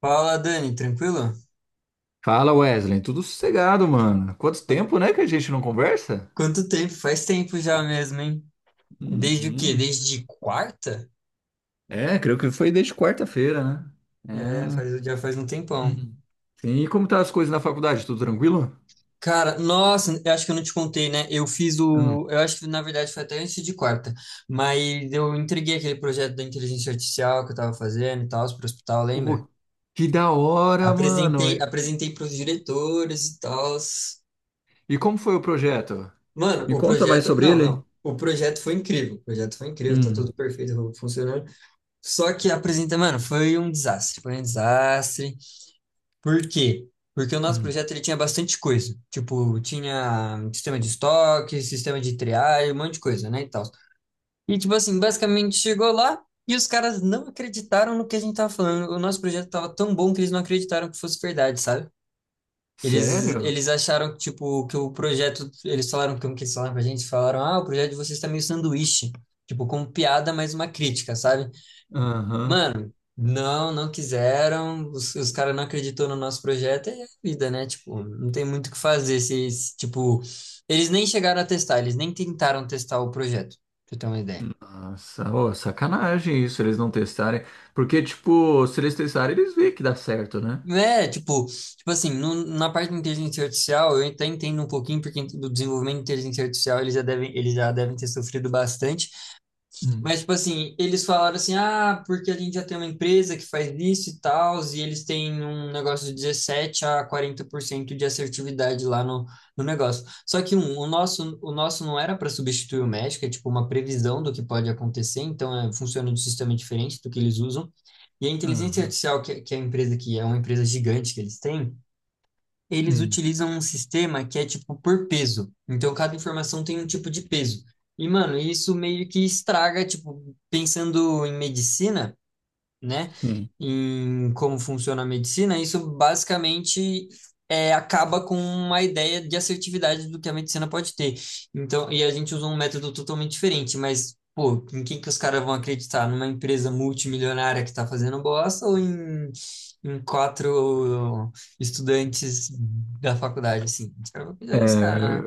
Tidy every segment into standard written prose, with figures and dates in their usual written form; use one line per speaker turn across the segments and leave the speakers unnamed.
Fala, Dani, tranquilo?
Fala Wesley, tudo sossegado, mano. Quanto tempo, né, que a gente não conversa?
Quanto tempo? Faz tempo já mesmo, hein? Desde o quê?
Uhum.
Desde quarta?
É, creio que foi desde quarta-feira, né?
Já é,
É.
já faz um tempão.
Uhum. Sim, e como tá as coisas na faculdade? Tudo tranquilo?
Cara, nossa, eu acho que eu não te contei, né? Eu fiz
Hum.
o. Eu acho que na verdade foi até antes de quarta, mas eu entreguei aquele projeto da inteligência artificial que eu tava fazendo e tal, pro hospital, lembra?
Oh, que da hora, mano.
Apresentei para os diretores e tal.
E como foi o projeto?
Mano,
Me
o
conta mais
projeto.
sobre
Não,
ele.
não. O projeto foi incrível. O projeto foi incrível, tá
Hum.
tudo perfeito, funcionando. Só que apresenta, mano, foi um desastre, foi um desastre. Por quê? Porque o nosso
Hum.
projeto ele tinha bastante coisa. Tipo, tinha sistema de estoque, sistema de triagem, um monte de coisa, né, e tal. E tipo assim, basicamente chegou lá e os caras não acreditaram no que a gente tava falando. O nosso projeto tava tão bom que eles não acreditaram que fosse verdade, sabe? Eles,
Sério?
eles acharam que, tipo, que o projeto, eles falaram como que eles falaram pra gente, falaram: "Ah, o projeto de vocês tá meio sanduíche", tipo, com piada, mas uma crítica, sabe?
Aham.
Mano, não, não quiseram, os caras não acreditou no nosso projeto, é a vida, né? Tipo, não tem muito o que fazer se, se, tipo, eles nem chegaram a testar, eles nem tentaram testar o projeto, pra você ter uma ideia.
Nossa, ô, sacanagem isso, eles não testarem. Porque, tipo, se eles testarem, eles veem que dá certo, né?
É, tipo, na parte de inteligência artificial, eu até entendo um pouquinho, porque do desenvolvimento de inteligência artificial eles já devem ter sofrido bastante.
Hum.
Mas, tipo assim, eles falaram assim, ah, porque a gente já tem uma empresa que faz isso e tal, e eles têm um negócio de 17 a 40% de assertividade lá no negócio. Só que o nosso não era para substituir o médico, é tipo uma previsão do que pode acontecer, então é, funciona de um sistema diferente do que eles usam. E a inteligência
Aham.
artificial, que é a empresa que é uma empresa gigante que eles têm, eles
Hum.
utilizam um sistema que é tipo por peso. Então cada informação tem um tipo de peso. E, mano, isso meio que estraga, tipo, pensando em medicina, né,
Sim.
em como funciona a medicina, isso basicamente é, acaba com uma ideia de assertividade do que a medicina pode ter. Então, e a gente usa um método totalmente diferente, mas, pô, em quem que os caras vão acreditar? Numa empresa multimilionária que está fazendo bosta ou em quatro estudantes da faculdade, assim? Os caras vão acreditar nos caras, né?
É,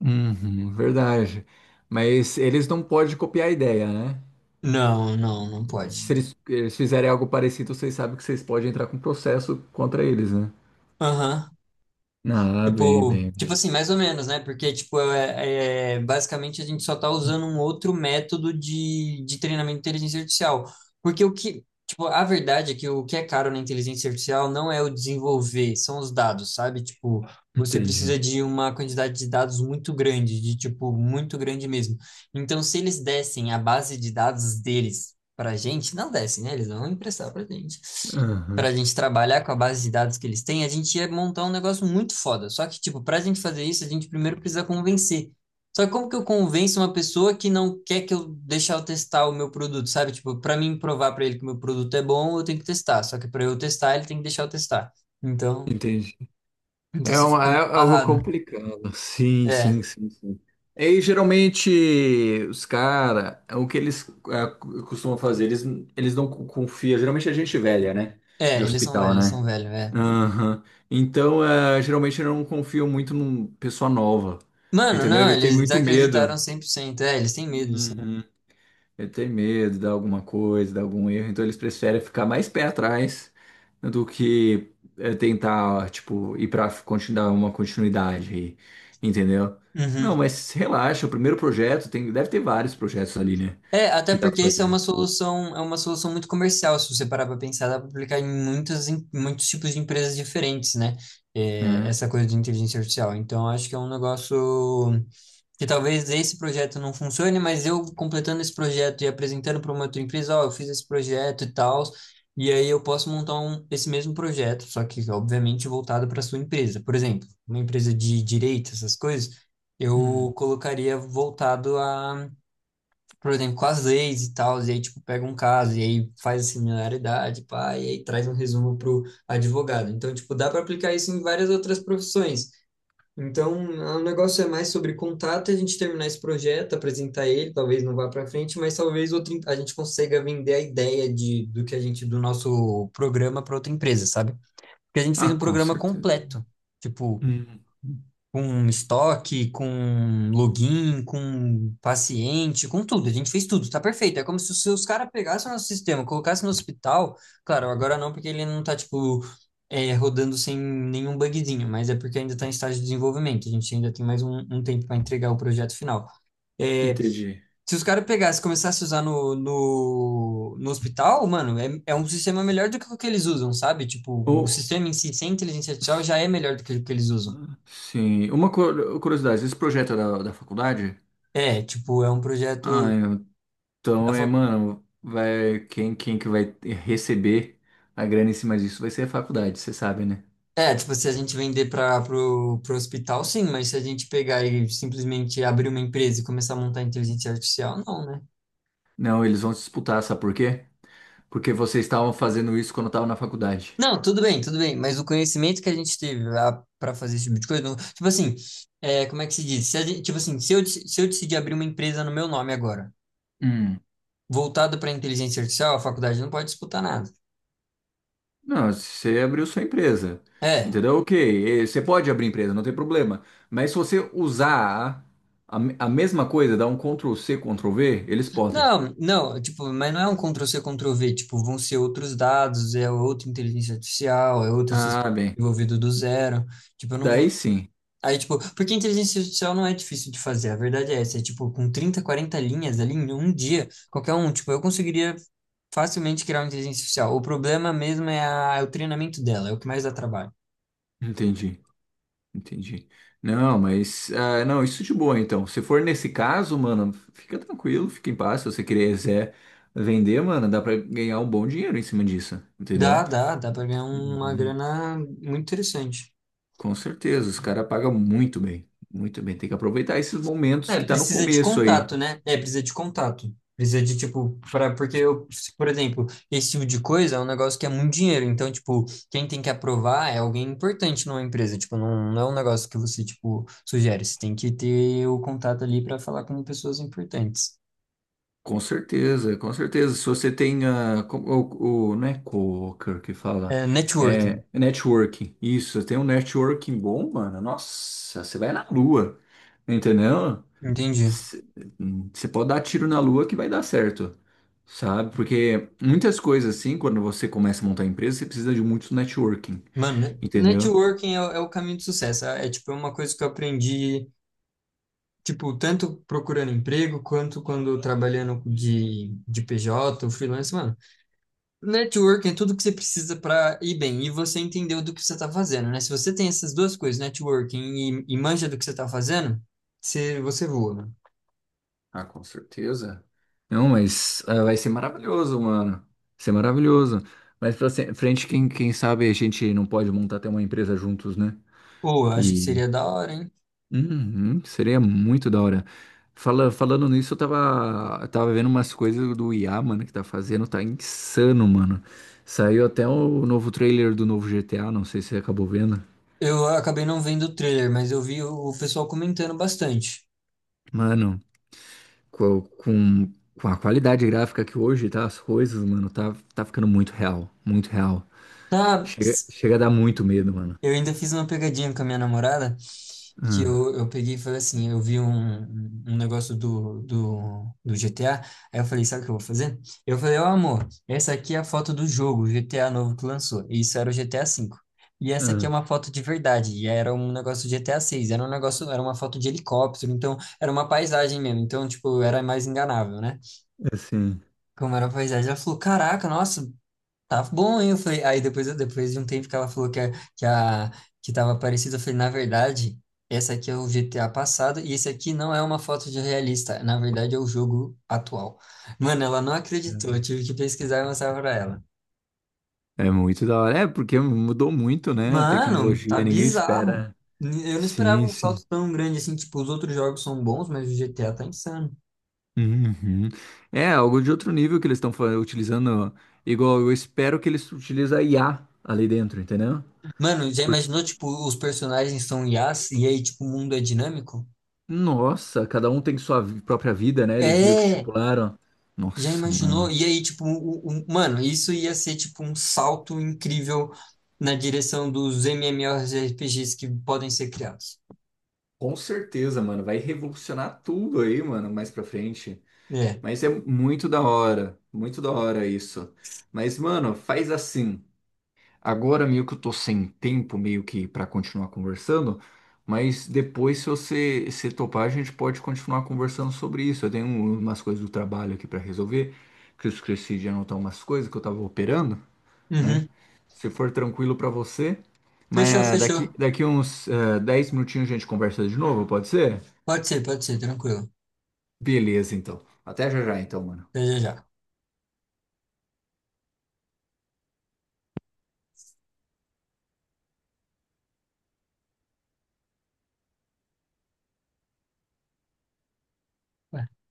uhum, verdade. Mas eles não podem copiar a ideia, né?
Não, não, não pode.
Se eles fizerem algo parecido, vocês sabem que vocês podem entrar com um processo contra eles, né?
Aham.
Ah, bem,
Tipo,
bem,
tipo
bem.
assim, mais ou menos, né? Porque, tipo, basicamente a gente só tá usando um outro método de treinamento de inteligência artificial. Porque o que, tipo, a verdade é que o que é caro na inteligência artificial não é o desenvolver, são os dados, sabe? Tipo, você
Entendi.
precisa de uma quantidade de dados muito grande, de, tipo, muito grande mesmo. Então, se eles dessem a base de dados deles pra gente, não dessem, né? Eles vão emprestar pra gente para a
Aham,
gente trabalhar com a base de dados que eles têm, a gente ia montar um negócio muito foda. Só que, tipo, para a gente fazer isso, a gente primeiro precisa convencer. Só que como que eu convenço uma pessoa que não quer que eu deixar eu testar o meu produto, sabe? Tipo, para mim provar para ele que o meu produto é bom, eu tenho que testar. Só que para eu testar, ele tem que deixar eu testar. Então,
entendi.
então
É,
você
uma,
fica
é
meio
algo
amarrado.
complicado. Sim,
É,
sim, sim, sim. E geralmente os caras, o que eles costumam fazer, eles não confiam. Geralmente é gente velha, né? De hospital,
eles são
né?
velhos, é.
Aham. Então, é, geralmente eu não confio muito num pessoa nova.
Mano,
Entendeu?
não,
Ele tem
eles
muito
desacreditaram
medo.
100%. É, eles têm medo, eles
Uhum. Ele tem medo de alguma coisa, de algum erro. Então eles preferem ficar mais pé atrás do que tentar, tipo, ir pra continuar uma continuidade aí. Entendeu? Não, mas relaxa, o primeiro projeto tem, deve ter vários projetos ali, né?
É, até
Que dá pra
porque isso
fazer.
é uma solução muito comercial, se você parar para pensar, dá para aplicar em muitas, em muitos tipos de empresas diferentes, né? É,
Né?
essa coisa de inteligência artificial. Então, acho que é um negócio que talvez esse projeto não funcione, mas eu completando esse projeto e apresentando para uma outra empresa, ó, eu fiz esse projeto e tal, e aí eu posso montar um, esse mesmo projeto, só que obviamente voltado para sua empresa. Por exemplo, uma empresa de direito, essas coisas,
Hum.
eu colocaria voltado a por exemplo, com as leis e tal, e aí, tipo, pega um caso, e aí faz a similaridade, pá, e aí traz um resumo pro advogado. Então, tipo, dá para aplicar isso em várias outras profissões. Então, o negócio é mais sobre contato, a gente terminar esse projeto, apresentar ele, talvez não vá para frente, mas talvez outra, a gente consiga vender a ideia de, do que a gente, do nosso programa para outra empresa, sabe? Porque a gente fez
Ah,
um
com
programa
certeza.
completo. Tipo,
Hum.
com estoque, com login, com paciente, com tudo. A gente fez tudo, tá perfeito. É como se os caras pegassem o nosso sistema, colocassem no hospital. Claro, agora não, porque ele não tá, tipo, é, rodando sem nenhum bugzinho, mas é porque ainda tá em estágio de desenvolvimento. A gente ainda tem mais um tempo para entregar o projeto final. É,
Entendi.
se os caras pegassem e começassem a usar no hospital, mano, é, é um sistema melhor do que o que eles usam, sabe? Tipo, o
Ou.
sistema em si, sem inteligência artificial, já é melhor do que o que eles usam.
Sim, uma curiosidade, esse projeto é da faculdade?
É, tipo, é um
Ah,
projeto da
então é,
fac...
mano, vai, quem que vai receber a grana em cima disso vai ser a faculdade, você sabe, né?
É, tipo, se a gente vender pro hospital, sim, mas se a gente pegar e simplesmente abrir uma empresa e começar a montar inteligência artificial, não, né?
Não, eles vão disputar, sabe por quê? Porque vocês estavam fazendo isso quando eu na faculdade.
Não, tudo bem, mas o conhecimento que a gente teve para fazer esse tipo de coisa, tipo assim, é, como é que se diz? Se a gente- tipo assim, se eu decidir abrir uma empresa no meu nome agora,
Hum,
voltado para inteligência artificial, a faculdade não pode disputar nada.
Não, você abriu sua empresa,
É,
entendeu? Ok, você pode abrir empresa, não tem problema. Mas se você usar a, a mesma coisa, dar um Ctrl C, Ctrl V, eles podem.
não, não, tipo, mas não é um Ctrl-C, Ctrl-V, tipo, vão ser outros dados, é outra inteligência artificial, é outro
Ah,
sistema
bem,
desenvolvido do zero, tipo, eu não vou...
daí sim,
Aí, tipo, porque inteligência artificial não é difícil de fazer, a verdade é essa, é tipo, com 30, 40 linhas ali em um dia, qualquer um, tipo, eu conseguiria facilmente criar uma inteligência artificial. O problema mesmo é, é o treinamento dela, é o que mais dá trabalho.
entendi. Entendi. Não, mas ah, não, isso de boa então. Se for nesse caso, mano, fica tranquilo, fica em paz. Se você quiser vender, mano, dá pra ganhar um bom dinheiro em cima disso, entendeu?
Dá pra ganhar uma
Uhum.
grana muito interessante.
Com certeza, os caras pagam muito bem, muito bem. Tem que aproveitar esses momentos
É,
que tá no
precisa de
começo
contato,
aí.
né? É, precisa de contato. Precisa de, tipo, pra, porque eu, por exemplo, esse tipo de coisa é um negócio que é muito dinheiro. Então, tipo, quem tem que aprovar é alguém importante numa empresa. Tipo, não, não é um negócio que você, tipo, sugere. Você tem que ter o contato ali para falar com pessoas importantes.
Com certeza, com certeza. Se você tem não é coworker que fala,
É, networking,
é networking. Isso, você tem um networking bom, mano. Nossa, você vai na lua, entendeu?
entendi.
Você pode dar tiro na lua que vai dar certo, sabe? Porque muitas coisas assim, quando você começa a montar empresa, você precisa de muito networking,
Mano,
entendeu?
networking é, o é o caminho do sucesso. Tipo, é uma coisa que eu aprendi, tipo, tanto procurando emprego quanto quando trabalhando de PJ, freelance, mano. Networking é tudo que você precisa para ir bem e você entendeu do que você está fazendo, né? Se você tem essas duas coisas, networking e manja do que você está fazendo, você voa, né?
Ah, com certeza. Não, mas ah, vai ser maravilhoso, mano. Vai ser maravilhoso. Mas pra frente, quem sabe a gente não pode montar até uma empresa juntos, né?
Pô, eu acho que
E
seria da hora, hein?
Uhum, seria muito da hora. Falando nisso, eu tava vendo umas coisas do IA, mano, que tá fazendo, tá insano, mano. Saiu até o novo trailer do novo GTA, não sei se você acabou vendo.
Eu acabei não vendo o trailer, mas eu vi o pessoal comentando bastante.
Mano, co- com, a qualidade gráfica que hoje tá as coisas, mano, tá ficando muito real, muito real.
Tá.
Chega, chega a dar muito medo, mano.
Eu ainda fiz uma pegadinha com a minha namorada, que
Ah,
eu peguei e falei assim, eu vi um negócio do GTA, aí eu falei, sabe o que eu vou fazer? Eu falei, ó amor, essa aqui é a foto do jogo, GTA novo que lançou, e isso era o GTA V. E essa aqui é
ah,
uma foto de verdade, e era um negócio do GTA VI, era um negócio, era uma foto de helicóptero, então era uma paisagem mesmo, então tipo, era mais enganável, né?
assim.
Como era a paisagem, ela falou, caraca, nossa, tá bom, hein? Eu falei, aí depois de um tempo que ela falou que tava parecido, eu falei, na verdade, essa aqui é o GTA passado e esse aqui não é uma foto de realista, na verdade é o jogo atual. Mano, ela não acreditou, eu tive que pesquisar e mostrar pra ela.
É muito da hora. É, porque mudou muito, né? A
Mano, tá
tecnologia, ninguém
bizarro.
espera.
Eu não esperava
Sim,
um
sim.
salto tão grande assim, tipo, os outros jogos são bons, mas o GTA tá insano.
Uhum. É algo de outro nível que eles estão utilizando. Igual eu espero que eles utilizem a IA ali dentro, entendeu?
Mano, já
Por-
imaginou, tipo, os personagens são IAs e aí, tipo, o mundo é dinâmico?
Nossa, cada um tem sua própria vida, né? Eles meio que
É!
estipularam.
Já
Nossa,
imaginou?
mano.
E aí, tipo, mano, isso ia ser tipo um salto incrível na direção dos MMORPGs que podem ser criados.
Com certeza, mano. Vai revolucionar tudo aí, mano, mais pra frente.
É.
Mas é muito da hora. Muito da hora isso. Mas, mano, faz assim. Agora meio que eu tô sem tempo meio que para continuar conversando, mas depois se você se topar, a gente pode continuar conversando sobre isso. Eu tenho umas coisas do trabalho aqui para resolver, que eu esqueci de anotar umas coisas que eu tava operando, né?
Uhum.
Se for tranquilo para você,
Fechou,
mas
fechou.
daqui uns 10 minutinhos a gente conversa de novo, pode ser?
Pode ser, tranquilo.
Beleza, então. Até já já, então, mano.
Até já já.